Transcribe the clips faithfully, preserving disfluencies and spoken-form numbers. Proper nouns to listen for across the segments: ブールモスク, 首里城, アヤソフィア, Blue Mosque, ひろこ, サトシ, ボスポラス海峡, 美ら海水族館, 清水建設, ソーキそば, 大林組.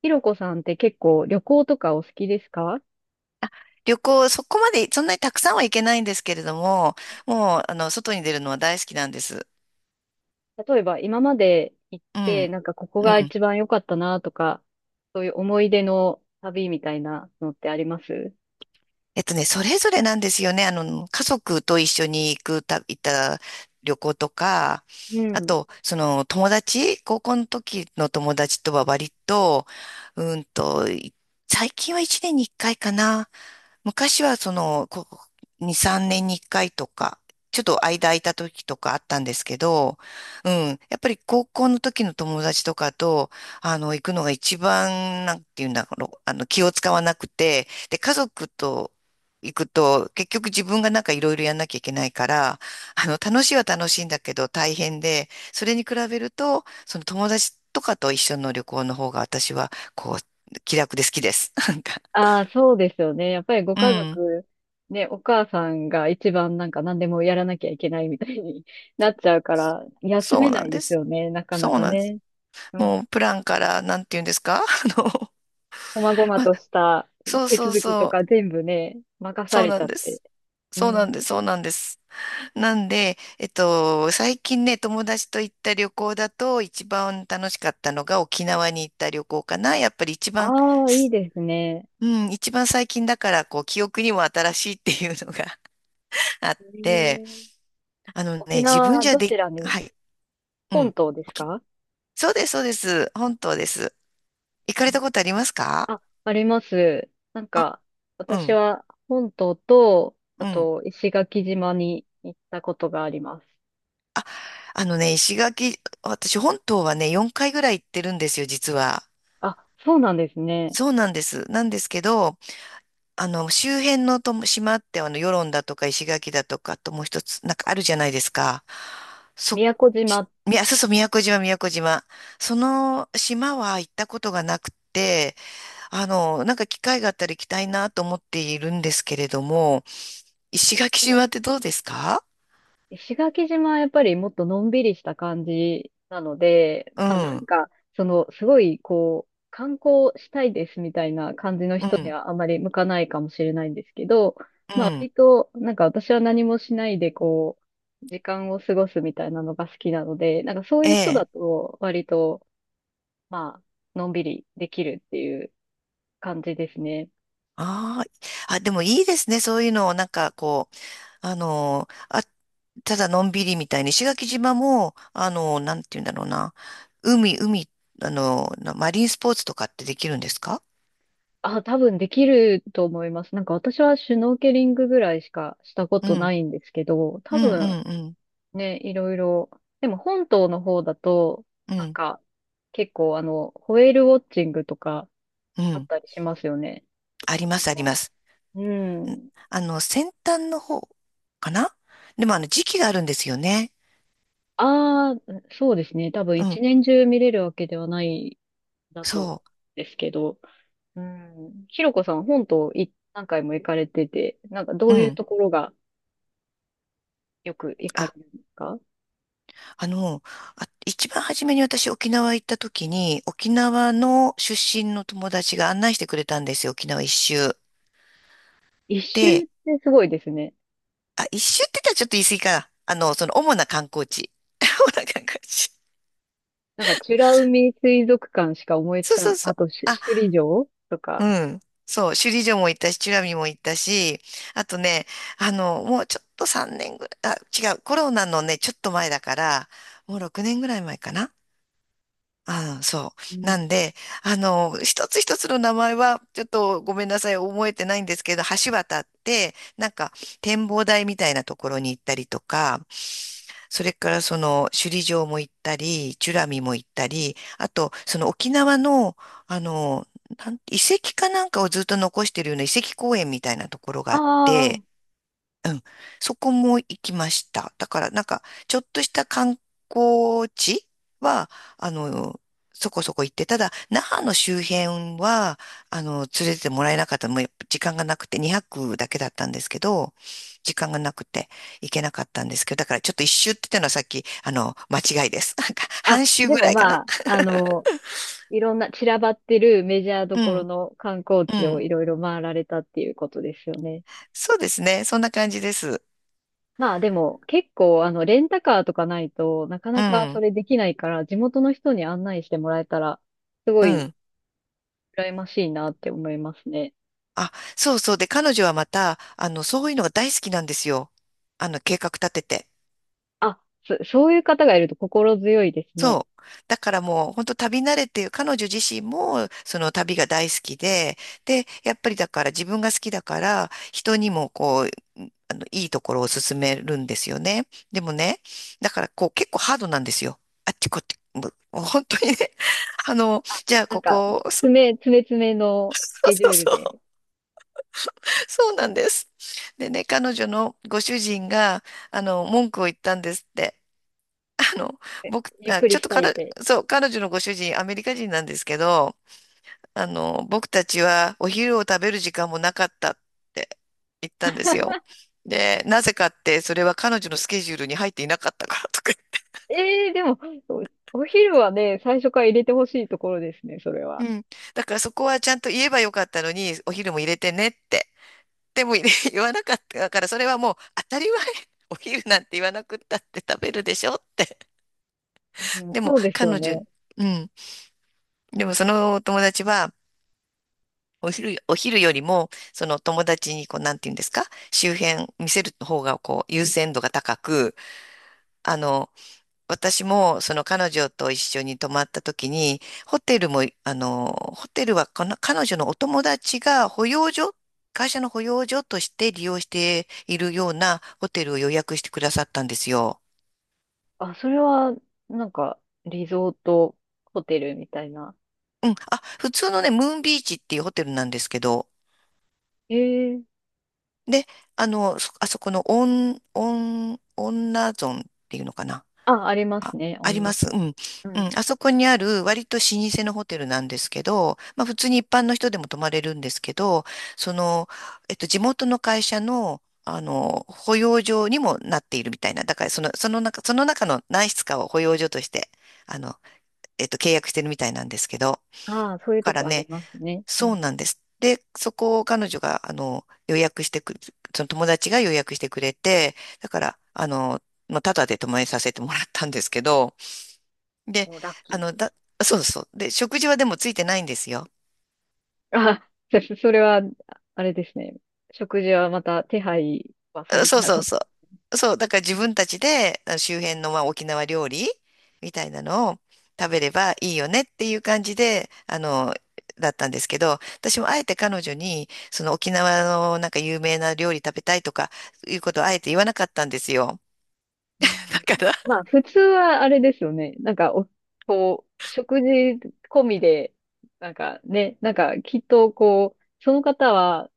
ひろこさんって結構旅行とかお好きですか？旅行、そこまで、そんなにたくさんは行けないんですけれども、もう、あの、外に出るのは大好きなんです。例えば今まで行っうて、ん、なんかここうがん。一番良かったなとか、そういう思い出の旅みたいなのってあります？えっとね、それぞれなんですよね。あの、家族と一緒に行くた、行った旅行とか、うあん。と、その、友達、高校の時の友達とは割と、うんと、い最近は一年に一回かいかな。昔はその、ここに、さんねんにいっかいとか、ちょっと間空いた時とかあったんですけど、うん、やっぱり高校の時の友達とかと、あの、行くのが一番、なんていうんだろう、あの、気を使わなくて、で、家族と行くと、結局自分がなんかいろいろやんなきゃいけないから、あの、楽しいは楽しいんだけど大変で、それに比べると、その友達とかと一緒の旅行の方が私は、こう、気楽で好きです。なんか、ああ、そうですよね。やっぱりごう家ん。族、ね、お母さんが一番なんか何でもやらなきゃいけないみたいに なっちゃうから、休そめうなないんでですす。よね、なかなそうかなんです。ね。うん。もうプランからなんて言うんですか？ あの、こまごまとしたそう手そう続きとそかう、全部ね、任さそうれちなゃんっでて。す。うそうなん。んです、そうなんです。なんで、えっと、最近ね、友達と行った旅行だと一番楽しかったのが沖縄に行った旅行かな。やっぱり一番、ああ、いいすですね。うん、一番最近だから、こう、記憶にも新しいっていうのが あっえて、ー、あのね、沖自分縄、じゃどで、ちらはに？い、う本ん。島です沖か？そうです、そうです。本当です。行かれたことありますか？あ、あります。なんか、う私ん。は本島と、あうん。と石垣島に行ったことがあります。あのね、石垣、私本島はね、よんかいぐらい行ってるんですよ、実は。あ、そうなんですね。そうなんです。なんですけど、あの、周辺のとも島って、あの、与論だとか石垣だとか、あともう一つ、なんかあるじゃないですか。そ、宮古島？みやそうそう、宮古島、宮古島。その島は行ったことがなくて、あの、なんか機会があったら行きたいなと思っているんですけれども、石垣島ってどうですか？石垣島はやっぱりもっとのんびりした感じなので、うまあ、なん、うんん、か、その、すごい、こう、観光したいですみたいな感じの人にはあまり向かないかもしれないんですけど、うまあ、ん。割と、なんか私は何もしないで、こう、時間を過ごすみたいなのが好きなので、なんかそういう人ええ、だと、割と、まあ、のんびりできるっていう感じですね。ああ、あ、でもいいですね。そういうのを、なんかこう、あのー、あ、ただのんびりみたいに、石垣島も、あのー、なんて言うんだろうな。海、海、あのー、なマリンスポーツとかってできるんですか？あ、多分できると思います。なんか私はシュノーケリングぐらいしかしたこうとなん、いんですけど、う多ん、分うん、ね、いろいろ。でも本島の方だと、うん、うなんん、か、結構あの、ホエールウォッチングとかうあっん。たりしますよね。ありま沖す、ありま縄。す。うんん。あの、先端の方かな。でも、あの、時期があるんですよね。ああ、そうですね。多分うん、一年中見れるわけではないだと、そですけど。うん。ひろこさん、本島い何回も行かれてて、なんかどう。うういうん。ところがよく行かれあ、るんですか？あの、あ、一番初めに私沖縄行った時に、沖縄の出身の友達が案内してくれたんですよ、沖縄一周。一周で、ってすごいですね。あ、一周って言ったらちょっと言い過ぎかな。あの、その主な観光地。主な観光地。なんか、美ら海水族館しか思いつそうかそん、うそあう。とし、あ、首里城とうか。ん。そう、首里城も行ったし、美ら海も行ったし、あとね、あの、もうちょっとさんねんぐらい、あ、違う、コロナのね、ちょっと前だから、もうろくねんぐらい前かな。ああ、そう。なんで、あの、一つ一つの名前は、ちょっとごめんなさい、覚えてないんですけど、橋渡って、なんか、展望台みたいなところに行ったりとか、それからその、首里城も行ったり、チュラミも行ったり、あと、その沖縄の、あの、なん遺跡かなんかをずっと残してるような遺跡公園みたいなところがあっあて、うん。そこも行きました。だからなんか、ちょっとした観光地は、あの、そこそこ行って、ただ、那覇の周辺は、あの、連れてってもらえなかった。もうやっぱ時間がなくて、にはくだけだったんですけど、時間がなくて行けなかったんですけど、だからちょっと一周って言ったのはさっき、あの、間違いです。なんか、あ、あ、半周でぐもらいかな。まあ、あの、いろんな散らばってるメジャーどうころん、の観光う地をん。いろいろ回られたっていうことですよね。そうですね。そんな感じです。まあでも結構あのレンタカーとかないとなかうなかそん、れできないから地元の人に案内してもらえたらすごういん。羨ましいなって思いますね。あ、そうそう。で、彼女はまた、あの、そういうのが大好きなんですよ。あの、計画立てて。あ、そ、そういう方がいると心強いですね。そう。だからもう、本当旅慣れてる、彼女自身も、その旅が大好きで、で、やっぱりだから自分が好きだから、人にもこう、んあの、いいところを勧めるんですよね。でもね、だからこう、結構ハードなんですよ。あっちこっち、もうもう本当にね、あの、じゃあなんこかこ、そ詰め、詰め詰めのスうケジそュうールそで、う、そうなんです。でね、彼女のご主人が、あの、文句を言ったんですって。あの、僕、ゆっあ、くちりょっしとたいっ彼、て。そう、彼女のご主人、アメリカ人なんですけど、あの、僕たちはお昼を食べる時間もなかったって言ったんですよ。で、なぜかって、それは彼女のスケジュールに入っていなかったからとか。ええでも、お、お昼はね、最初から入れてほしいところですね、それうは。ん。だからそこはちゃんと言えばよかったのに、お昼も入れてねって。でも入れ 言わなかったから、それはもう当たり前。お昼なんて言わなくったって食べるでしょって。うん、でも、そうですよ彼女、ね。うん。でも、そのお友達は、お昼、お昼よりも、その友達に、こう、なんて言うんですか、周辺見せる方が、こう、優先度が高く、あの、私も、その彼女と一緒に泊まった時に、ホテルも、あの、ホテルはこの、彼女のお友達が保養所、会社の保養所として利用しているようなホテルを予約してくださったんですよ。あ、それは、なんか、リゾートホテルみたいな。うん。あ、普通のね、ムーンビーチっていうホテルなんですけど、ええ。で、あの、そあそこのオン、オン、女ゾンっていうのかな。あ、ありまあ、すね、あありりまます。す。うん。ううん。ん。あそこにある割と老舗のホテルなんですけど、まあ普通に一般の人でも泊まれるんですけど、その、えっと、地元の会社の、あの、保養所にもなっているみたいな。だからその、その中、その中の何室かを保養所として、あの、えっと、契約してるみたいなんですけど。だああ、そういうとからこありね、ますね。うそうん。なんです。で、そこを彼女が、あの、予約してく、その友達が予約してくれて、だから、あの、まあ、タダで泊まりさせてもらったんですけど、で、もうラッあキーの、でだ、す。そうそう。で、食事はでもついてないんですよ。あ、そそれは、あれですね。食事はまた手配はされてそうなそかうっ、そう。そう、だから自分たちであの周辺のまあ沖縄料理みたいなのを食べればいいよねっていう感じで、あの、だったんですけど、私もあえて彼女に、その沖縄のなんか有名な料理食べたいとかいうことをあえて言わなかったんですよ。うん。だから、まあ、普通はあれですよね。なんかお、こう、食事込みで、なんかね、なんかきっとこう、その方は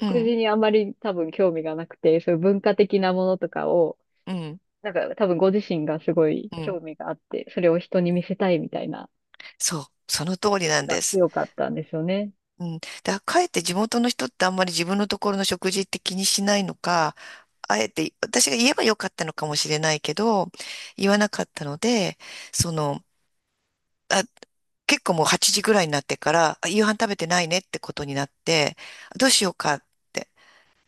うん、事にあまり多分興味がなくて、そういう文化的なものとかを、うん、なんか多分ご自身がすごいうん。興味があって、それを人に見せたいみたいな、そう、その通りなんがです。強かったんですよね。うん。だかえって地元の人ってあんまり自分のところの食事って気にしないのか、あえて私が言えばよかったのかもしれないけど、言わなかったので、その、あ、結構もうはちじぐらいになってから、あ夕飯食べてないねってことになって、どうしようかって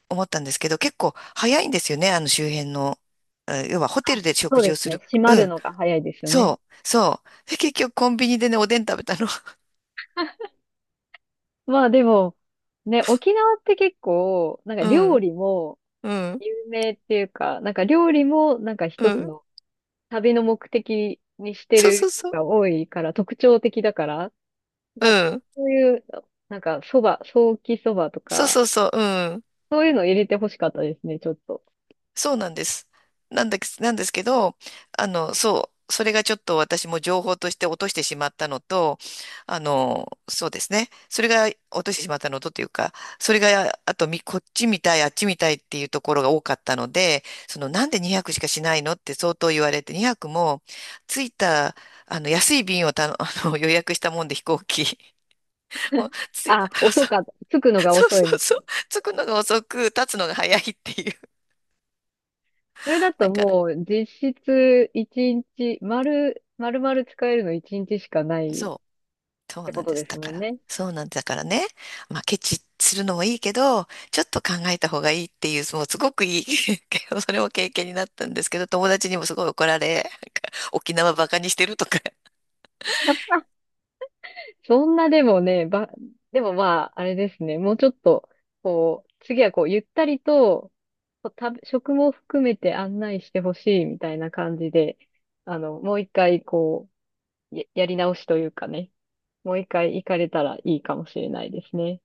思ったんですけど、結構早いんですよね、あの周辺の。え要はホテあ、ルでそ食う事でをすすね。る。閉まうるん。のが早いですよね。そう、そう。で結局コンビニでね、おでん食べたの。まあでも、ね、沖縄って結構、なんかう料ん、理も、うん、有名っていうか、なんか料理もなんかう一つん。の旅の目的にしてそうそるうそ人う。が多いから特徴的だから、うなんかん。そういう、なんかそば、ソーキそばとそうか、そうそう、うん。そういうの入れてほしかったですね、ちょっと。そうなんです。なんだけ、なんですけど、あの、そう、それがちょっと私も情報として落としてしまったのと、あの、そうですね。それが落としてしまったのとというか、それが、あとみ、こっちみたい、あっちみたいっていうところが多かったので、その、なんでにひゃくしかしないのって相当言われて、にひゃくも、着いた、あの、安い便をたの、あの、予約したもんで飛行機。もうつい、あ、遅かった。着くのがそう遅いそうそうみたそいな。う、着くのが遅く、立つのが早いっていう。それだだとからもう実質一日、丸、丸々使えるの一日しかないそっう、そうてなこんとです。ですだもかんら、ね。そうなんだからね、まあ、ケチするのもいいけど、ちょっと考えた方がいいっていう、もうすごくいい それも経験になったんですけど、友達にもすごい怒られ、なんか沖縄バカにしてるとかそんなでもね、ば、でもまあ、あれですね。もうちょっと、こう、次はこう、ゆったりと、こう食べ食も含めて案内してほしいみたいな感じで、あの、もう一回、こう、や、やり直しというかね、もう一回行かれたらいいかもしれないですね。